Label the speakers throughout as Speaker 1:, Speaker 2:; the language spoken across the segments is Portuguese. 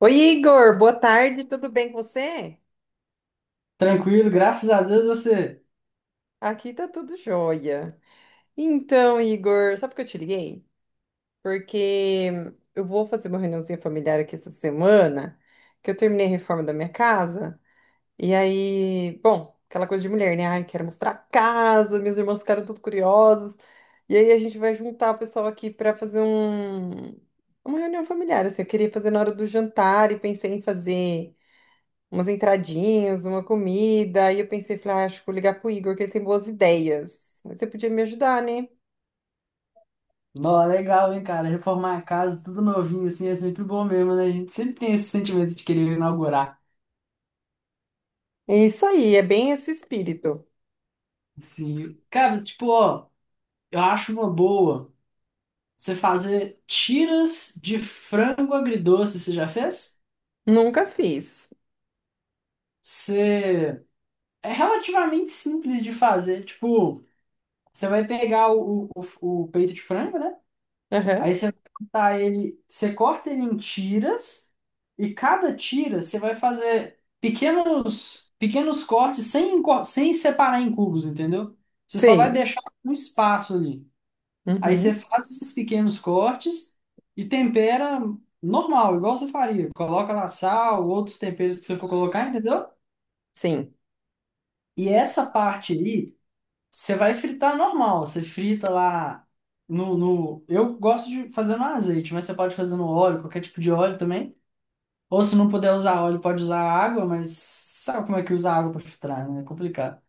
Speaker 1: Oi, Igor, boa tarde, tudo bem com você?
Speaker 2: Tranquilo, graças a Deus você.
Speaker 1: Aqui tá tudo jóia. Então, Igor, sabe por que eu te liguei? Porque eu vou fazer uma reuniãozinha familiar aqui essa semana, que eu terminei a reforma da minha casa, e aí, bom, aquela coisa de mulher, né? Ai, quero mostrar a casa, meus irmãos ficaram tudo curiosos, e aí a gente vai juntar o pessoal aqui para fazer uma reunião familiar, assim, eu queria fazer na hora do jantar e pensei em fazer umas entradinhas, uma comida. Aí eu pensei, falei, ah, acho que vou ligar pro Igor, que ele tem boas ideias. Você podia me ajudar, né?
Speaker 2: Nó, legal, hein, cara? Reformar a casa, tudo novinho, assim, é sempre bom mesmo, né? A gente sempre tem esse sentimento de querer inaugurar.
Speaker 1: É isso aí, é bem esse espírito.
Speaker 2: Assim, cara, tipo, ó, eu acho uma boa você fazer tiras de frango agridoce, você já fez?
Speaker 1: Nunca fiz.
Speaker 2: Você... É relativamente simples de fazer. Tipo, você vai pegar o peito de frango, né?
Speaker 1: Aham.
Speaker 2: Aí você vai cortar ele, você corta ele em tiras e cada tira você vai fazer pequenos cortes sem separar em cubos, entendeu? Você só vai
Speaker 1: Sei.
Speaker 2: deixar um espaço ali. Aí você
Speaker 1: Uhum.
Speaker 2: faz esses pequenos cortes e tempera normal, igual você faria. Coloca lá sal, outros temperos que você for colocar, entendeu?
Speaker 1: Sim.
Speaker 2: E essa parte aí você vai fritar normal, você frita lá no... Eu gosto de fazer no azeite, mas você pode fazer no óleo, qualquer tipo de óleo também. Ou se não puder usar óleo, pode usar água, mas sabe como é que usa água para fritar, né? É complicado.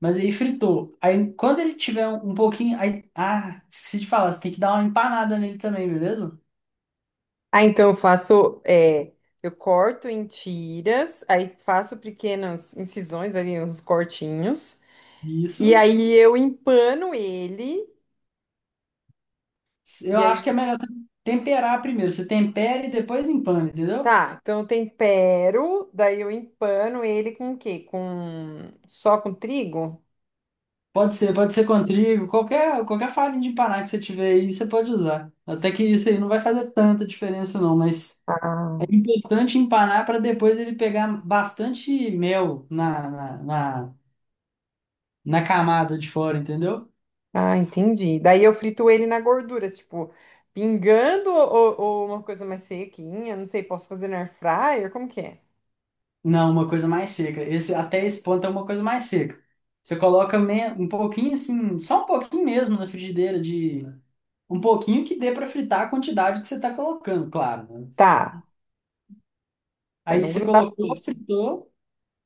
Speaker 2: Mas aí fritou. Aí quando ele tiver um pouquinho... Aí... esqueci de falar, você tem que dar uma empanada nele também, beleza?
Speaker 1: Ah, então eu faço, eu corto em tiras, aí faço pequenas incisões ali, uns cortinhos, e
Speaker 2: Isso.
Speaker 1: aí eu empano ele,
Speaker 2: Eu
Speaker 1: e
Speaker 2: acho que é melhor você temperar primeiro. Você tempera e depois empana, entendeu?
Speaker 1: tá, então eu tempero, daí eu empano ele com o quê? Só com trigo?
Speaker 2: Pode ser com trigo, qualquer farinha de paná que você tiver aí, você pode usar. Até que isso aí não vai fazer tanta diferença não, mas
Speaker 1: Ah,
Speaker 2: é importante empanar para depois ele pegar bastante mel na camada de fora, entendeu?
Speaker 1: ah, entendi. Daí eu frito ele na gordura, tipo, pingando ou uma coisa mais sequinha, não sei, posso fazer na air fryer, como que é?
Speaker 2: Não, uma coisa mais seca. Esse, até esse ponto é uma coisa mais seca. Você coloca um pouquinho assim, só um pouquinho mesmo na frigideira de... Um pouquinho que dê para fritar a quantidade que você está colocando, claro, né?
Speaker 1: Tá, pra
Speaker 2: Aí
Speaker 1: não
Speaker 2: você
Speaker 1: grudar
Speaker 2: colocou,
Speaker 1: tudo.
Speaker 2: fritou...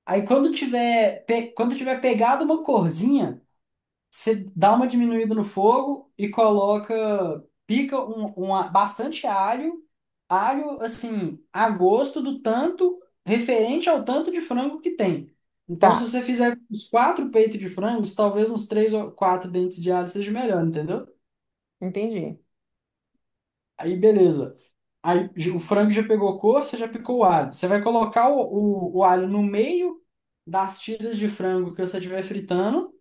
Speaker 2: Aí quando tiver, quando tiver pegado uma corzinha, você dá uma diminuída no fogo e coloca, pica bastante alho, alho assim, a gosto do tanto, referente ao tanto de frango que tem. Então,
Speaker 1: Tá,
Speaker 2: se você fizer uns quatro peitos de frangos, talvez uns três ou quatro dentes de alho seja melhor, entendeu?
Speaker 1: entendi.
Speaker 2: Aí, beleza. O frango já pegou cor, você já picou o alho. Você vai colocar o alho no meio das tiras de frango que você estiver fritando.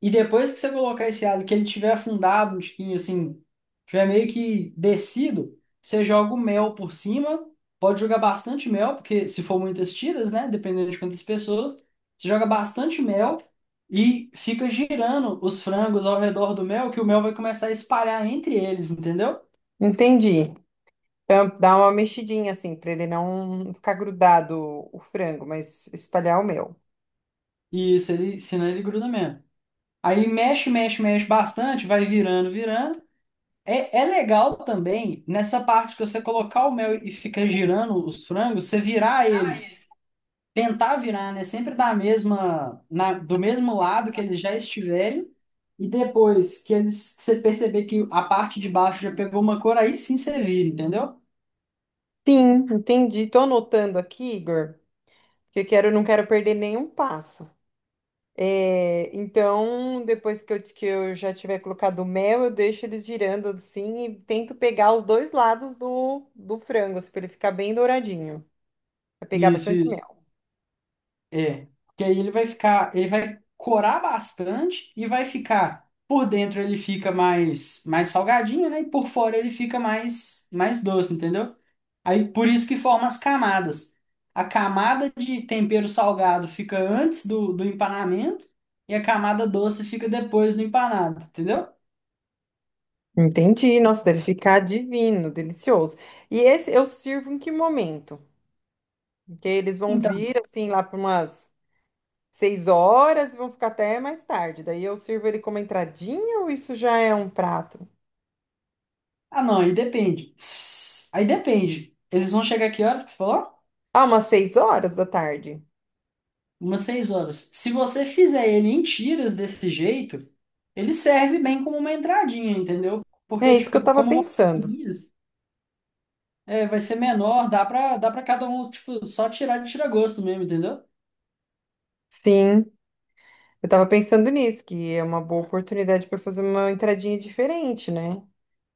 Speaker 2: E depois que você colocar esse alho, que ele tiver afundado um tiquinho assim, tiver meio que descido, você joga o mel por cima. Pode jogar bastante mel, porque se for muitas tiras, né? Dependendo de quantas pessoas, você joga bastante mel e fica girando os frangos ao redor do mel, que o mel vai começar a espalhar entre eles, entendeu?
Speaker 1: Entendi. Então, dá uma mexidinha assim, pra ele não ficar grudado o frango, mas espalhar o meu.
Speaker 2: E isso, ele, senão ele gruda mesmo. Aí mexe, mexe, mexe bastante, vai virando, virando. É, é legal também nessa parte que você colocar o mel e ficar girando os frangos, você virar eles, tentar virar, né? Sempre da mesma, do mesmo lado que eles já estiverem, e depois que eles que você perceber que a parte de baixo já pegou uma cor, aí sim você vira, entendeu?
Speaker 1: Sim, entendi. Tô anotando aqui, Igor, que eu quero, não quero perder nenhum passo. É, então, depois que eu já tiver colocado o mel, eu deixo eles girando assim e tento pegar os dois lados do frango, assim, para ele ficar bem douradinho. Vai pegar
Speaker 2: Isso,
Speaker 1: bastante
Speaker 2: isso.
Speaker 1: mel.
Speaker 2: É. Que aí ele vai ficar, ele vai corar bastante e vai ficar por dentro ele fica mais salgadinho, né? E por fora ele fica mais doce, entendeu? Aí por isso que forma as camadas. A camada de tempero salgado fica antes do empanamento e a camada doce fica depois do empanado, entendeu?
Speaker 1: Entendi. Nossa, deve ficar divino, delicioso. E esse eu sirvo em que momento? Porque eles vão
Speaker 2: Então,
Speaker 1: vir assim lá para umas 6 horas e vão ficar até mais tarde. Daí eu sirvo ele como entradinha ou isso já é um prato?
Speaker 2: ah não, aí depende. Aí depende. Eles vão chegar que horas que você falou?
Speaker 1: Ah, umas 6 horas da tarde.
Speaker 2: Umas 6 horas. Se você fizer ele em tiras desse jeito, ele serve bem como uma entradinha, entendeu?
Speaker 1: É
Speaker 2: Porque,
Speaker 1: isso que eu
Speaker 2: tipo,
Speaker 1: tava
Speaker 2: como vão ser
Speaker 1: pensando.
Speaker 2: seguidas, é, vai ser menor, dá pra cada um, tipo, só tirar de tira-gosto mesmo, entendeu?
Speaker 1: Sim, eu tava pensando nisso, que é uma boa oportunidade para fazer uma entradinha diferente, né?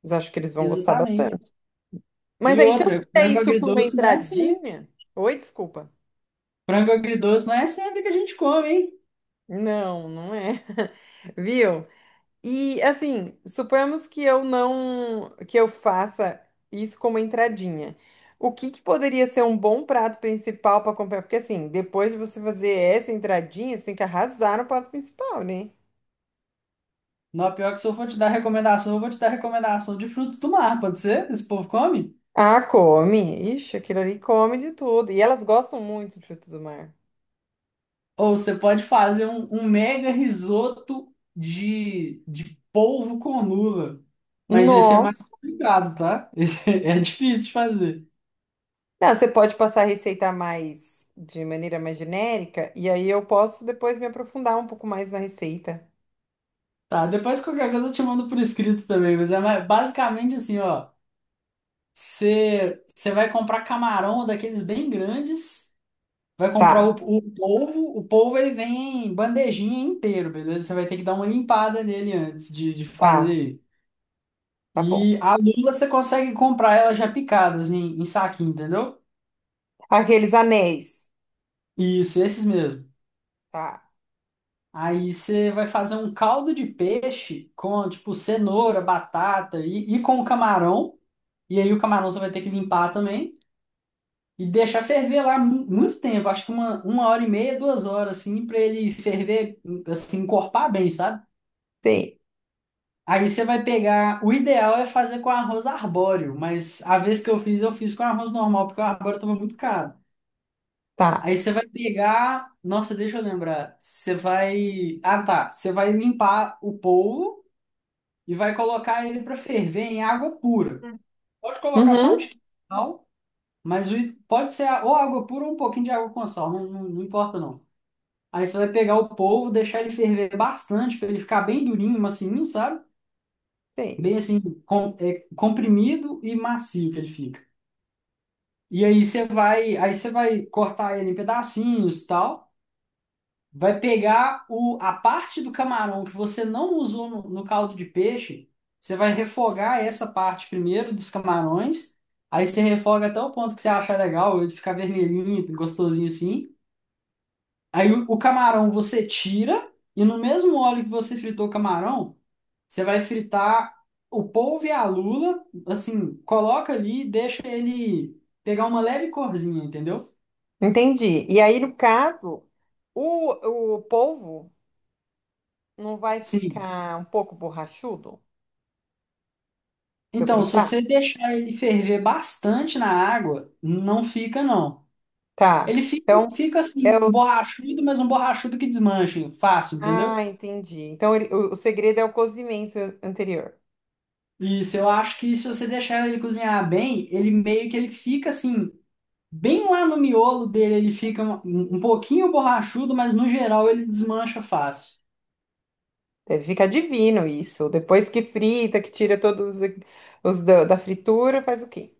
Speaker 1: Mas acho que eles vão gostar
Speaker 2: Exatamente.
Speaker 1: bastante. Mas
Speaker 2: E
Speaker 1: aí, se eu
Speaker 2: outra,
Speaker 1: fizer
Speaker 2: frango
Speaker 1: isso como
Speaker 2: agridoce não é assim.
Speaker 1: entradinha. Oi, desculpa.
Speaker 2: Frango agridoce não é sempre que a gente come, hein?
Speaker 1: Não, não é. Viu? E assim, suponhamos que eu não, que eu faça isso como entradinha. O que que poderia ser um bom prato principal para acompanhar? Porque assim, depois de você fazer essa entradinha, você tem que arrasar no prato principal, né?
Speaker 2: Não, pior que se eu for te dar recomendação, eu vou te dar recomendação de frutos do mar, pode ser? Esse povo come?
Speaker 1: Ah, come. Ixi, aquilo ali come de tudo. E elas gostam muito de frutos do mar.
Speaker 2: Ou você pode fazer um mega risoto de polvo com lula. Mas esse é
Speaker 1: Nossa.
Speaker 2: mais complicado, tá? Esse é difícil de fazer.
Speaker 1: Não, você pode passar a receita mais de maneira mais genérica, e aí eu posso depois me aprofundar um pouco mais na receita.
Speaker 2: Tá, depois qualquer coisa eu te mando por escrito também, mas basicamente assim, ó. Você vai comprar camarão daqueles bem grandes. Vai comprar o,
Speaker 1: Tá,
Speaker 2: o polvo, o polvo ele vem em bandejinha inteiro, beleza? Você vai ter que dar uma limpada nele antes de
Speaker 1: tá,
Speaker 2: fazer.
Speaker 1: tá bom.
Speaker 2: E a lula você consegue comprar ela já picada, assim, em saquinho, entendeu?
Speaker 1: Aqueles anéis.
Speaker 2: Isso, esses mesmo.
Speaker 1: Tá,
Speaker 2: Aí você vai fazer um caldo de peixe com, tipo, cenoura, batata e com camarão. E aí o camarão você vai ter que limpar também e deixar ferver lá muito tempo, acho que uma hora e meia, duas horas, assim, pra ele ferver, assim, encorpar bem, sabe?
Speaker 1: sei,
Speaker 2: Aí você vai pegar. O ideal é fazer com arroz arbóreo, mas a vez que eu fiz com arroz normal, porque o arbóreo tava muito caro.
Speaker 1: tá.
Speaker 2: Aí você vai pegar. Nossa, deixa eu lembrar. Você vai. Ah, tá. Você vai limpar o polvo e vai colocar ele para ferver em água pura. Pode colocar só um
Speaker 1: Uhum,
Speaker 2: tiquinho de sal, mas pode ser ou água pura ou um pouquinho de água com sal, não, não, não importa não. Aí você vai pegar o polvo, deixar ele ferver bastante, para ele ficar bem durinho, macinho, sabe?
Speaker 1: sei.
Speaker 2: Bem assim, é, comprimido e macio que ele fica. E aí você vai cortar ele em pedacinhos e tal. Vai pegar o, a parte do camarão que você não usou no caldo de peixe, você vai refogar essa parte primeiro dos camarões. Aí você refoga até o ponto que você achar legal, ele ficar vermelhinho, gostosinho assim. Aí o camarão você tira e no mesmo óleo que você fritou o camarão, você vai fritar o polvo e a lula, assim, coloca ali e deixa ele pegar uma leve corzinha, entendeu?
Speaker 1: Entendi. E aí, no caso, o polvo não vai
Speaker 2: Sim.
Speaker 1: ficar um pouco borrachudo se eu
Speaker 2: Então, se
Speaker 1: fritar?
Speaker 2: você deixar ele ferver bastante na água, não fica, não. Ele
Speaker 1: Tá.
Speaker 2: fica,
Speaker 1: Então,
Speaker 2: fica assim,
Speaker 1: é
Speaker 2: um
Speaker 1: o.
Speaker 2: borrachudo, mas um borrachudo que desmancha, fácil, entendeu?
Speaker 1: Ah, entendi. Então, ele- o segredo é o cozimento anterior.
Speaker 2: Isso, eu acho que se você deixar ele cozinhar bem, ele meio que ele fica assim, bem lá no miolo dele, ele fica um, um pouquinho borrachudo, mas no geral ele desmancha fácil.
Speaker 1: Deve ficar divino isso. Depois que frita, que tira todos os da fritura, faz o quê?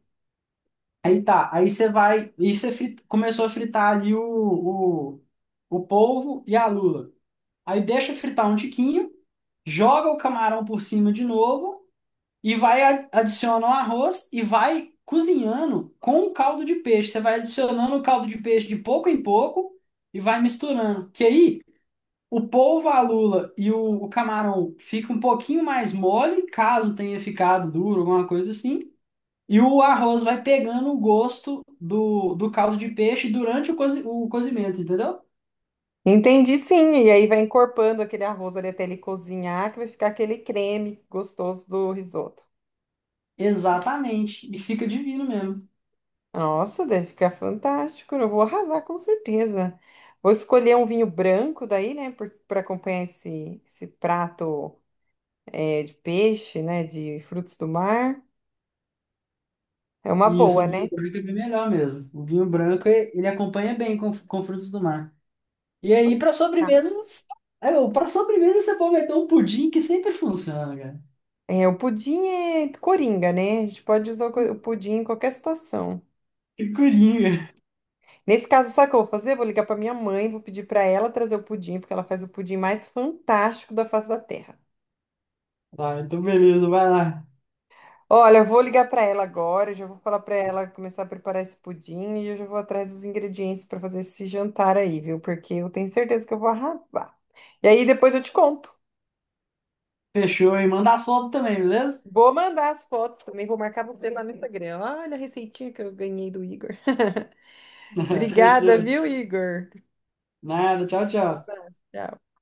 Speaker 2: Aí tá, aí você vai, e começou a fritar ali o, o polvo e a lula. Aí deixa fritar um tiquinho, joga o camarão por cima de novo e adiciona o arroz e vai cozinhando com o caldo de peixe. Você vai adicionando o caldo de peixe de pouco em pouco e vai misturando. Que aí o polvo, a lula e o camarão fica um pouquinho mais mole, caso tenha ficado duro, alguma coisa assim. E o arroz vai pegando o gosto do caldo de peixe durante o, o cozimento, entendeu?
Speaker 1: Entendi, sim. E aí vai encorpando aquele arroz ali até ele cozinhar, que vai ficar aquele creme gostoso do risoto.
Speaker 2: Exatamente. E fica divino mesmo.
Speaker 1: Nossa, deve ficar fantástico. Eu vou arrasar com certeza. Vou escolher um vinho branco daí, né, para acompanhar esse prato é, de peixe, né, de frutos do mar. É uma
Speaker 2: E isso, o
Speaker 1: boa,
Speaker 2: vinho
Speaker 1: né?
Speaker 2: branco é bem melhor mesmo. O vinho branco, ele acompanha bem com frutos do mar. E aí, para
Speaker 1: Tá?
Speaker 2: sobremesas, para sobremesa você pode meter um pudim que sempre funciona, cara.
Speaker 1: É, o pudim é coringa, né? A gente pode usar o co- o pudim em qualquer situação.
Speaker 2: Que coringa.
Speaker 1: Nesse caso, sabe o que eu vou fazer? Vou ligar para minha mãe, vou pedir para ela trazer o pudim, porque ela faz o pudim mais fantástico da face da terra.
Speaker 2: Ah, então beleza, vai lá.
Speaker 1: Olha, eu vou ligar para ela agora, já vou falar para ela começar a preparar esse pudim e eu já vou atrás dos ingredientes para fazer esse jantar aí, viu? Porque eu tenho certeza que eu vou arrasar. E aí depois eu te conto.
Speaker 2: Fechou, e manda as fotos também, beleza?
Speaker 1: Vou mandar as fotos também, vou marcar você lá no Instagram. Olha a receitinha que eu ganhei do Igor. Obrigada,
Speaker 2: Fechou.
Speaker 1: viu, Igor?
Speaker 2: Nada, tchau,
Speaker 1: Um
Speaker 2: tchau.
Speaker 1: abraço. Tchau.